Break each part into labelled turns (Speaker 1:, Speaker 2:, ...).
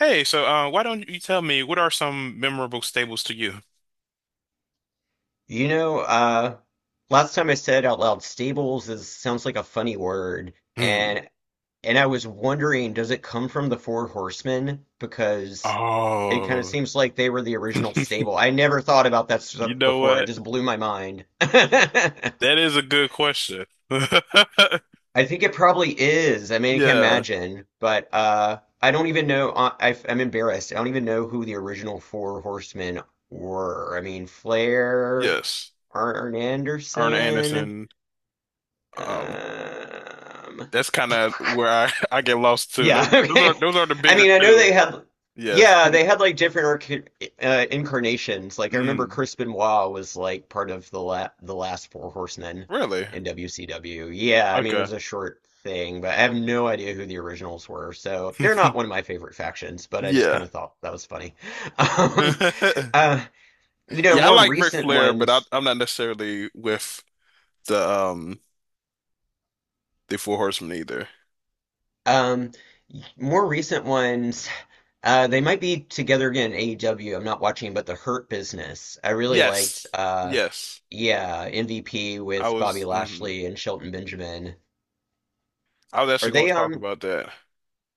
Speaker 1: Hey, so why don't you tell me what are some memorable stables to you?
Speaker 2: You know, uh, last time I said out loud, stables is sounds like a funny word,
Speaker 1: Hmm.
Speaker 2: and I was wondering, does it come from the Four Horsemen? Because it kind of
Speaker 1: Oh,
Speaker 2: seems like they were the original stable. I never thought about that
Speaker 1: you
Speaker 2: stuff
Speaker 1: know
Speaker 2: before. It
Speaker 1: what?
Speaker 2: just blew my mind. I
Speaker 1: That is a good question.
Speaker 2: think it probably is. I mean, I can't
Speaker 1: Yeah,
Speaker 2: imagine, but I don't even know. I'm embarrassed. I don't even know who the original Four Horsemen were. I mean, Flair,
Speaker 1: yes.
Speaker 2: Arn
Speaker 1: Arne
Speaker 2: Anderson.
Speaker 1: Anderson. Um,
Speaker 2: Um,
Speaker 1: that's kind of where I, I get lost too. Those,
Speaker 2: yeah,
Speaker 1: those are
Speaker 2: okay.
Speaker 1: those are the
Speaker 2: I
Speaker 1: bigger
Speaker 2: mean, I know
Speaker 1: two.
Speaker 2: they had,
Speaker 1: Yes.
Speaker 2: yeah, they had like different arc incarnations. Like I remember
Speaker 1: Mm,
Speaker 2: Chris Benoit was like part of the la the last Four Horsemen
Speaker 1: really?
Speaker 2: in WCW. Yeah, I mean it
Speaker 1: Okay.
Speaker 2: was a short thing, but I have no idea who the originals were. So they're not one of my favorite factions, but I just
Speaker 1: Yeah.
Speaker 2: kind of thought that was funny. Um, uh, you know,
Speaker 1: Yeah, I
Speaker 2: more
Speaker 1: like Ric
Speaker 2: recent
Speaker 1: Flair, but I,
Speaker 2: ones.
Speaker 1: I'm not necessarily with the um the Four Horsemen either.
Speaker 2: Um, More recent ones. They might be together again in AEW. I'm not watching, but the Hurt Business. I really liked,
Speaker 1: Yes. Yes.
Speaker 2: yeah, MVP
Speaker 1: I
Speaker 2: with Bobby
Speaker 1: was Mhm.
Speaker 2: Lashley and Shelton Benjamin.
Speaker 1: I was
Speaker 2: Are
Speaker 1: actually going
Speaker 2: they,
Speaker 1: to talk
Speaker 2: um,
Speaker 1: about that.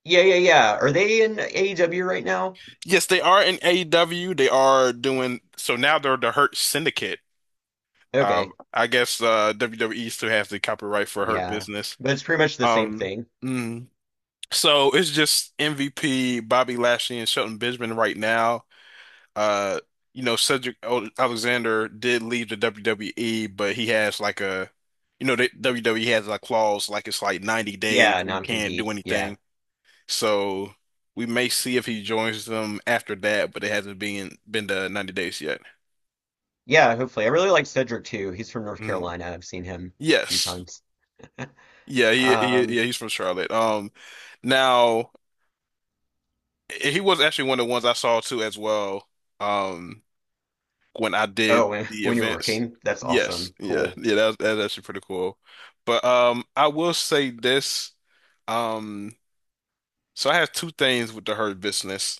Speaker 2: yeah, yeah, yeah. Are they in AEW right now?
Speaker 1: Yes, they are in AEW. They are doing so now they're the Hurt Syndicate.
Speaker 2: Okay.
Speaker 1: I guess WWE still has the copyright for Hurt
Speaker 2: Yeah.
Speaker 1: Business.
Speaker 2: But it's pretty much the same
Speaker 1: Um
Speaker 2: thing.
Speaker 1: mm. So it's just MVP, Bobby Lashley and Shelton Benjamin right now. Uh you know Cedric Alexander did leave the WWE, but he has like a you know the WWE has like clause like it's like 90 days
Speaker 2: Yeah,
Speaker 1: where you can't
Speaker 2: non-compete.
Speaker 1: do
Speaker 2: Yeah.
Speaker 1: anything. So we may see if he joins them after that, but it hasn't been the 90 days yet.
Speaker 2: Yeah, hopefully. I really like Cedric too. He's from North
Speaker 1: Mm.
Speaker 2: Carolina. I've seen him a few
Speaker 1: Yes.
Speaker 2: times.
Speaker 1: Yeah, he
Speaker 2: Um,
Speaker 1: yeah, he's from Charlotte. Now he was actually one of the ones I saw too as well. Um when I did
Speaker 2: oh,
Speaker 1: the
Speaker 2: when you're
Speaker 1: events.
Speaker 2: working, that's
Speaker 1: Yes.
Speaker 2: awesome.
Speaker 1: Yeah.
Speaker 2: Cool.
Speaker 1: Yeah, that's actually pretty cool. But I will say this. Um so I have two things with the Hurt Business.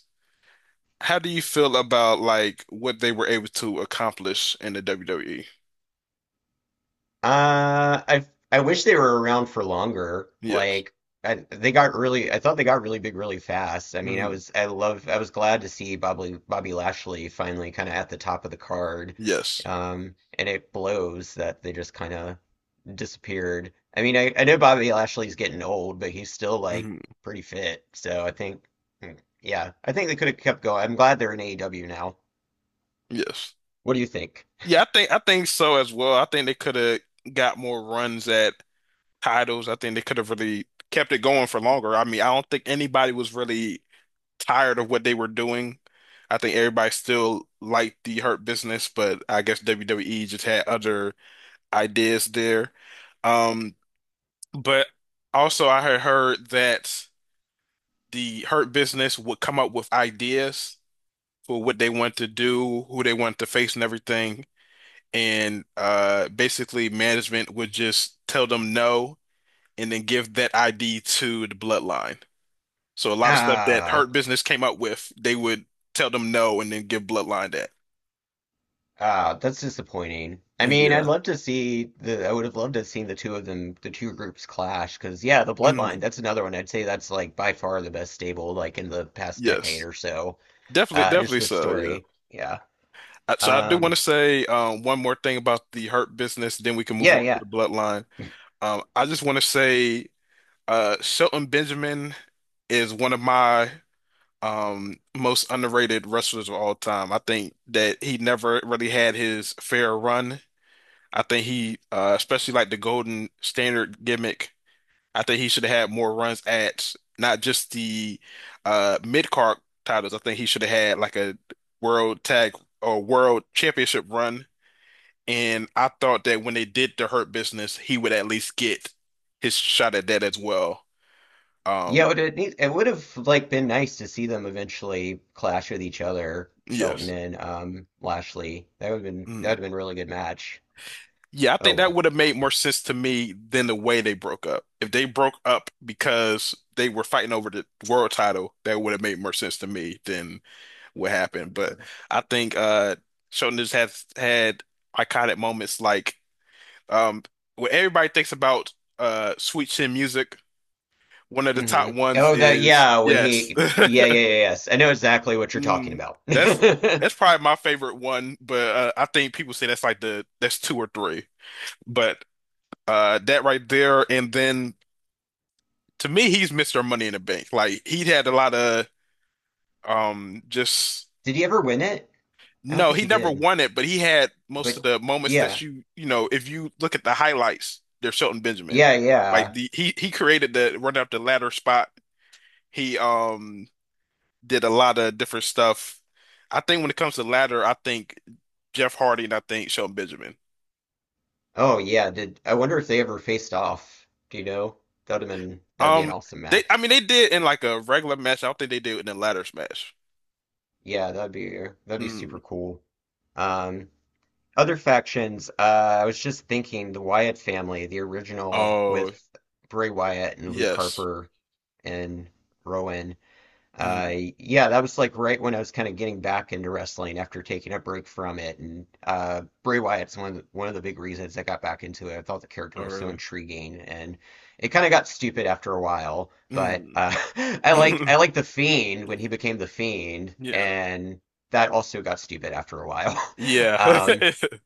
Speaker 1: How do you feel about like what they were able to accomplish in the WWE?
Speaker 2: Uh, I I wish they were around for longer.
Speaker 1: Yes.
Speaker 2: Like they got really, I thought they got really big really fast. I mean,
Speaker 1: Hmm.
Speaker 2: I was glad to see Bobby Lashley finally kind of at the top of the card.
Speaker 1: Yes.
Speaker 2: And it blows that they just kind of disappeared. I mean, I know Bobby Lashley's getting old, but he's still like
Speaker 1: Hmm.
Speaker 2: pretty fit. So I think, hmm, yeah, I think they could have kept going. I'm glad they're in AEW now.
Speaker 1: Yes.
Speaker 2: What do you think?
Speaker 1: Yeah, I think so as well. I think they could have got more runs at titles. I think they could have really kept it going for longer. I mean, I don't think anybody was really tired of what they were doing. I think everybody still liked the Hurt Business, but I guess WWE just had other ideas there. Um, but also I had heard that the Hurt Business would come up with ideas for what they want to do, who they want to face, and everything. And basically, management would just tell them no and then give that ID to the bloodline. So a lot of stuff that
Speaker 2: Ah.
Speaker 1: Hurt Business came up with, they would tell them no and then give bloodline that.
Speaker 2: Ah, that's disappointing. I mean, I'd
Speaker 1: Yeah.
Speaker 2: love to see I would have loved to have seen the two of them, the two groups clash, because yeah, the Bloodline,
Speaker 1: Mhm.
Speaker 2: that's another one. I'd say that's like by far the best stable, like in the past decade
Speaker 1: Yes.
Speaker 2: or so.
Speaker 1: Definitely,
Speaker 2: Just
Speaker 1: definitely
Speaker 2: the
Speaker 1: so, yeah.
Speaker 2: story. Yeah.
Speaker 1: So I do want
Speaker 2: Um,
Speaker 1: to say one more thing about the Hurt Business, then we can move
Speaker 2: yeah,
Speaker 1: on to
Speaker 2: yeah.
Speaker 1: the bloodline. I just want to say Shelton Benjamin is one of my most underrated wrestlers of all time. I think that he never really had his fair run. I think he especially like the Golden Standard gimmick. I think he should have had more runs at not just the mid-card titles. I think he should have had like a world tag or world championship run. And I thought that when they did the Hurt Business, he would at least get his shot at that as well.
Speaker 2: Yeah, it
Speaker 1: Um
Speaker 2: would it would have like been nice to see them eventually clash with each other, Shelton
Speaker 1: yes.
Speaker 2: and Lashley. That
Speaker 1: Mm.
Speaker 2: would have been a really good match.
Speaker 1: Yeah, I
Speaker 2: Oh
Speaker 1: think that
Speaker 2: well.
Speaker 1: would have made more sense to me than the way they broke up. If they broke up because they were fighting over the world title, that would have made more sense to me than what happened. But I think Shonen just has had iconic moments like um when everybody thinks about Sweet Chin Music, one of the top ones
Speaker 2: Oh, that
Speaker 1: is,
Speaker 2: yeah. When
Speaker 1: yes.
Speaker 2: he yes, I know exactly what you're talking
Speaker 1: Mm,
Speaker 2: about.
Speaker 1: that's
Speaker 2: Did
Speaker 1: that's probably my favorite one, but I think people say that's like the that's two or three. But that right there, and then to me, he's Mr. Money in the Bank. Like he had a lot of just
Speaker 2: he ever win it? I don't
Speaker 1: no,
Speaker 2: think
Speaker 1: he
Speaker 2: he
Speaker 1: never
Speaker 2: did.
Speaker 1: won it, but he had most
Speaker 2: But
Speaker 1: of the moments that
Speaker 2: yeah
Speaker 1: if you look at the highlights, they're Shelton Benjamin. Like
Speaker 2: yeah.
Speaker 1: the he created the run up the ladder spot. He did a lot of different stuff. I think when it comes to ladder, I think Jeff Hardy and I think Shelton Benjamin.
Speaker 2: Oh yeah. Did I wonder if they ever faced off? Do you know? That'd have been That'd be an
Speaker 1: Um,
Speaker 2: awesome
Speaker 1: they I
Speaker 2: match.
Speaker 1: mean they did in like a regular match. I don't think they did in a ladder smash.
Speaker 2: Yeah, that'd be That'd be
Speaker 1: Mm.
Speaker 2: super cool. Um, Other factions. I was just thinking the Wyatt family, the original
Speaker 1: Oh,
Speaker 2: with Bray Wyatt and Luke
Speaker 1: yes.
Speaker 2: Harper and Rowan.
Speaker 1: Mm.
Speaker 2: Uh, yeah, that was like right when I was kind of getting back into wrestling after taking a break from it. And Bray Wyatt's one of one of the big reasons I got back into it. I thought the character
Speaker 1: Oh,
Speaker 2: was so
Speaker 1: really?
Speaker 2: intriguing, and it kind of got stupid after a while. But
Speaker 1: Mm.
Speaker 2: I like the Fiend when he became the Fiend,
Speaker 1: Yeah.
Speaker 2: and that also got stupid after a while.
Speaker 1: Yeah.
Speaker 2: Um,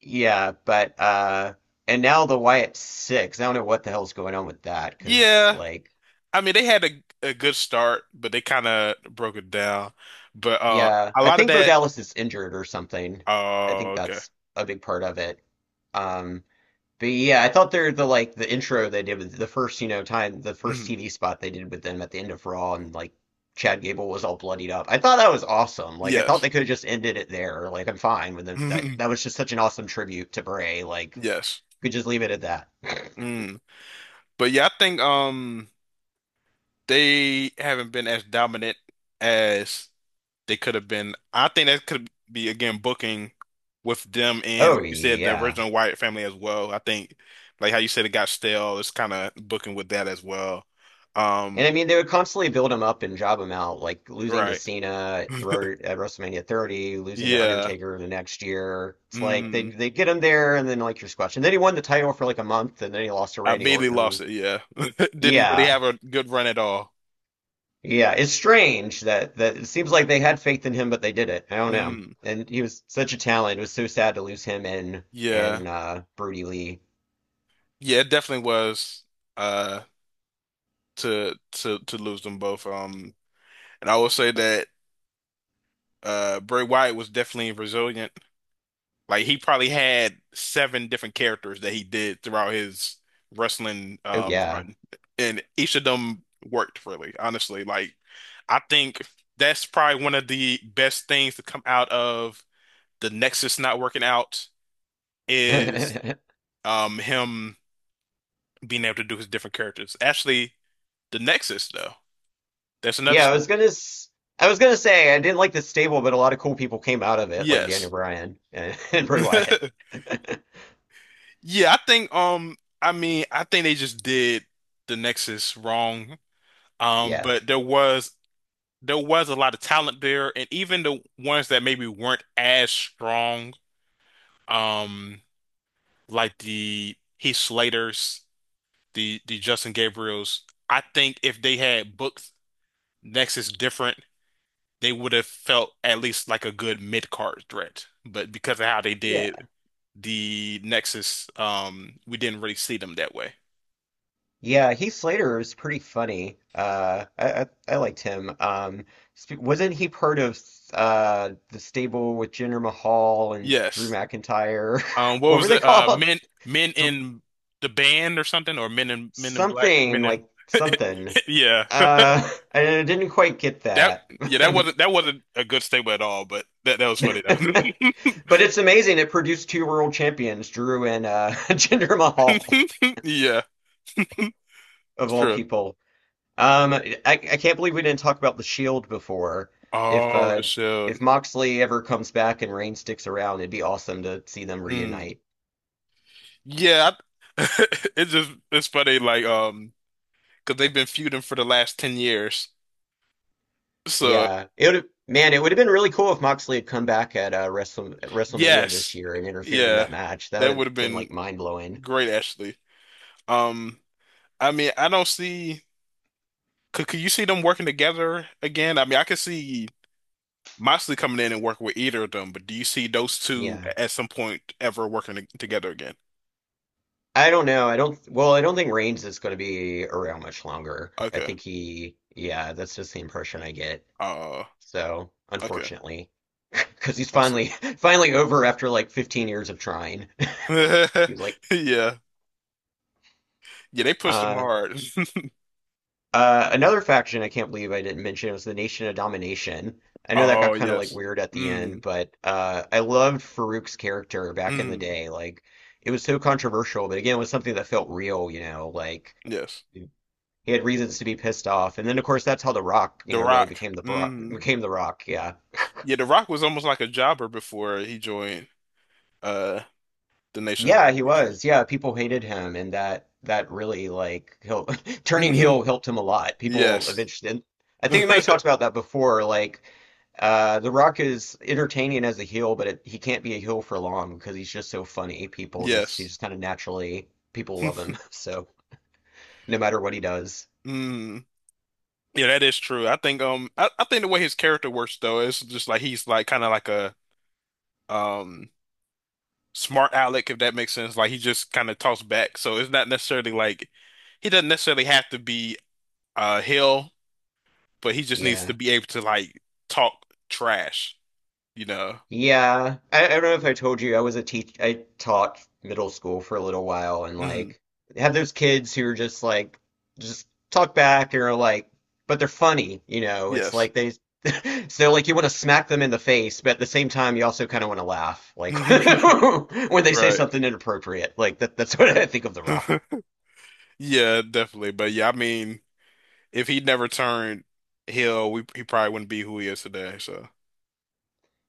Speaker 2: yeah, but and now the Wyatt Six. I don't know what the hell's going on with that because
Speaker 1: Yeah.
Speaker 2: like.
Speaker 1: I mean, they had a good start, but they kind of broke it down. But
Speaker 2: Yeah,
Speaker 1: a
Speaker 2: I
Speaker 1: lot of
Speaker 2: think Bo
Speaker 1: that.
Speaker 2: Dallas is injured or something. I
Speaker 1: Oh,
Speaker 2: think
Speaker 1: okay.
Speaker 2: that's a big part of it. Um, but yeah, I thought they're the like the intro they did with the first, you know, time the first
Speaker 1: Hmm.
Speaker 2: TV spot they did with them at the end of Raw and like Chad Gable was all bloodied up. I thought that was awesome. Like I thought
Speaker 1: Yes.
Speaker 2: they could have just ended it there. Like I'm fine with it. That was just such an awesome tribute to Bray. Like
Speaker 1: Yes.
Speaker 2: we could just leave it at that.
Speaker 1: Mm. But yeah, I think they haven't been as dominant as they could have been. I think that could be again booking with them and
Speaker 2: Oh
Speaker 1: like you said, the
Speaker 2: yeah.
Speaker 1: original Wyatt family as well. I think like how you said it got stale. It's kind of booking with that as well. Um,
Speaker 2: And I mean, they would constantly build him up and job him out, like losing to
Speaker 1: right.
Speaker 2: Cena At WrestleMania 30, losing to
Speaker 1: Yeah.
Speaker 2: Undertaker the next year. It's like
Speaker 1: Mm.
Speaker 2: they get him there, and then like you're squashed. And then he won the title for like a month, and then he lost to
Speaker 1: I
Speaker 2: Randy
Speaker 1: immediately lost
Speaker 2: Orton.
Speaker 1: it. Yeah. Didn't really
Speaker 2: Yeah,
Speaker 1: have a good run at all.
Speaker 2: yeah. It's strange that it seems like they had faith in him, but they didn't. I don't know.
Speaker 1: Mm.
Speaker 2: And he was such a talent. It was so sad to lose him and
Speaker 1: Yeah.
Speaker 2: Brody Lee.
Speaker 1: Yeah, it definitely was uh to lose them both. And I will say that Bray Wyatt was definitely resilient. Like he probably had seven different characters that he did throughout his wrestling
Speaker 2: Oh yeah.
Speaker 1: run, and each of them worked really, honestly. Like I think that's probably one of the best things to come out of the Nexus not working out is him being able to do his different characters. Actually, the Nexus though, that's another
Speaker 2: Yeah,
Speaker 1: staple.
Speaker 2: I was gonna say I didn't like the stable, but a lot of cool people came out of it, like Daniel
Speaker 1: Yes.
Speaker 2: Bryan and, and Bray Wyatt.
Speaker 1: Yeah, I mean I think they just did the Nexus wrong. Um,
Speaker 2: Yeah.
Speaker 1: but there was a lot of talent there, and even the ones that maybe weren't as strong, um, like the Heath Slaters, the Justin Gabriels. I think if they had booked Nexus different, they would have felt at least like a good mid-card threat. But because of how they did
Speaker 2: Yeah.
Speaker 1: the Nexus, we didn't really see them that way.
Speaker 2: Yeah, Heath Slater was pretty funny. I liked him. Wasn't he part of the stable with Jinder Mahal and Drew
Speaker 1: Yes.
Speaker 2: McIntyre?
Speaker 1: Um, what
Speaker 2: What
Speaker 1: was
Speaker 2: were they
Speaker 1: it? Uh,
Speaker 2: called?
Speaker 1: men, men
Speaker 2: Th
Speaker 1: in the band or something, or men in black,
Speaker 2: Something
Speaker 1: men
Speaker 2: like
Speaker 1: in.
Speaker 2: something.
Speaker 1: Yeah.
Speaker 2: I didn't quite get
Speaker 1: That
Speaker 2: that.
Speaker 1: yeah, that wasn't that wasn't a good statement at all, but that was funny though.
Speaker 2: But it's amazing. It produced two world champions, Drew and Jinder Mahal,
Speaker 1: Yeah,
Speaker 2: of all
Speaker 1: true.
Speaker 2: people. I can't believe we didn't talk about the Shield before. If
Speaker 1: Oh, the
Speaker 2: uh,
Speaker 1: shield.
Speaker 2: if Moxley ever comes back and Reigns sticks around, it'd be awesome to see them
Speaker 1: Hmm.
Speaker 2: reunite.
Speaker 1: Yeah, I- it's just it's funny like because they've been feuding for the last 10 years. So
Speaker 2: Yeah, it would. Man, it would have been really cool if Moxley had come back at at WrestleMania this
Speaker 1: yes.
Speaker 2: year and interfered in
Speaker 1: Yeah.
Speaker 2: that match. That would
Speaker 1: That
Speaker 2: have
Speaker 1: would have
Speaker 2: been
Speaker 1: been
Speaker 2: like mind blowing.
Speaker 1: great actually. Um I mean, I don't see could you see them working together again? I mean, I could see Moxley coming in and working with either of them, but do you see those two
Speaker 2: Yeah.
Speaker 1: at some point ever working together again?
Speaker 2: I don't know. I don't. Well, I don't think Reigns is going to be around much longer. I
Speaker 1: Okay.
Speaker 2: think he. Yeah, that's just the impression I get.
Speaker 1: Uh,
Speaker 2: So,
Speaker 1: okay.
Speaker 2: unfortunately, because he's
Speaker 1: That's
Speaker 2: finally
Speaker 1: it.
Speaker 2: finally over after like 15 years of trying. He's like,
Speaker 1: Yeah. Yeah, they pushed them
Speaker 2: uh,
Speaker 1: hard.
Speaker 2: Another faction I can't believe I didn't mention was the Nation of Domination. I know that
Speaker 1: Oh,
Speaker 2: got kind of like
Speaker 1: yes.
Speaker 2: weird at the end,
Speaker 1: Mm,
Speaker 2: but I loved Farouk's character back in the
Speaker 1: mm,
Speaker 2: day. Like, it was so controversial, but again, it was something that felt real. You know, like.
Speaker 1: yes.
Speaker 2: He had reasons to be pissed off. And then, of course, that's how The Rock, you
Speaker 1: The
Speaker 2: know, really
Speaker 1: Rock.
Speaker 2: became the Bro
Speaker 1: Mm.
Speaker 2: became The Rock. Yeah,
Speaker 1: Yeah, The Rock was almost like a jobber before he joined uh the Nation of
Speaker 2: yeah, he
Speaker 1: Domination.
Speaker 2: was. Yeah, people hated him, and that really like turning heel helped him a lot. People
Speaker 1: Yes.
Speaker 2: eventually, and I think we might have talked about that before. Like, The Rock is entertaining as a heel, but he can't be a heel for long because he's just so funny. People just He
Speaker 1: Yes.
Speaker 2: just kind of naturally people love him. So no matter what he does,
Speaker 1: Mm. Yeah, that is true. I think the way his character works though is just like he's like kind of like a um smart aleck if that makes sense. Like he just kind of talks back. So it's not necessarily like he doesn't necessarily have to be Hill, but he just needs to
Speaker 2: yeah.
Speaker 1: be able to like talk trash, you know.
Speaker 2: Yeah. I don't know if I told you, I taught middle school for a little while and
Speaker 1: Hmm.
Speaker 2: like had those kids who are just like just talk back and are like but they're funny, you know. It's
Speaker 1: Yes.
Speaker 2: like they so like you want to smack them in the face, but at the same time you also kind of want to laugh like when they say
Speaker 1: Right.
Speaker 2: something inappropriate. Like that's what I think of The Rock.
Speaker 1: Yeah, definitely. But yeah, I mean, if he never turned Hill, we he probably wouldn't be who he is today. So,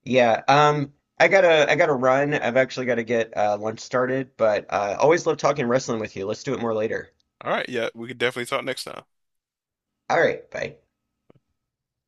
Speaker 2: Yeah, I gotta run. I've actually gotta get lunch started, but always love talking wrestling with you. Let's do it more later.
Speaker 1: all right, yeah, we could definitely talk next time.
Speaker 2: All right, bye.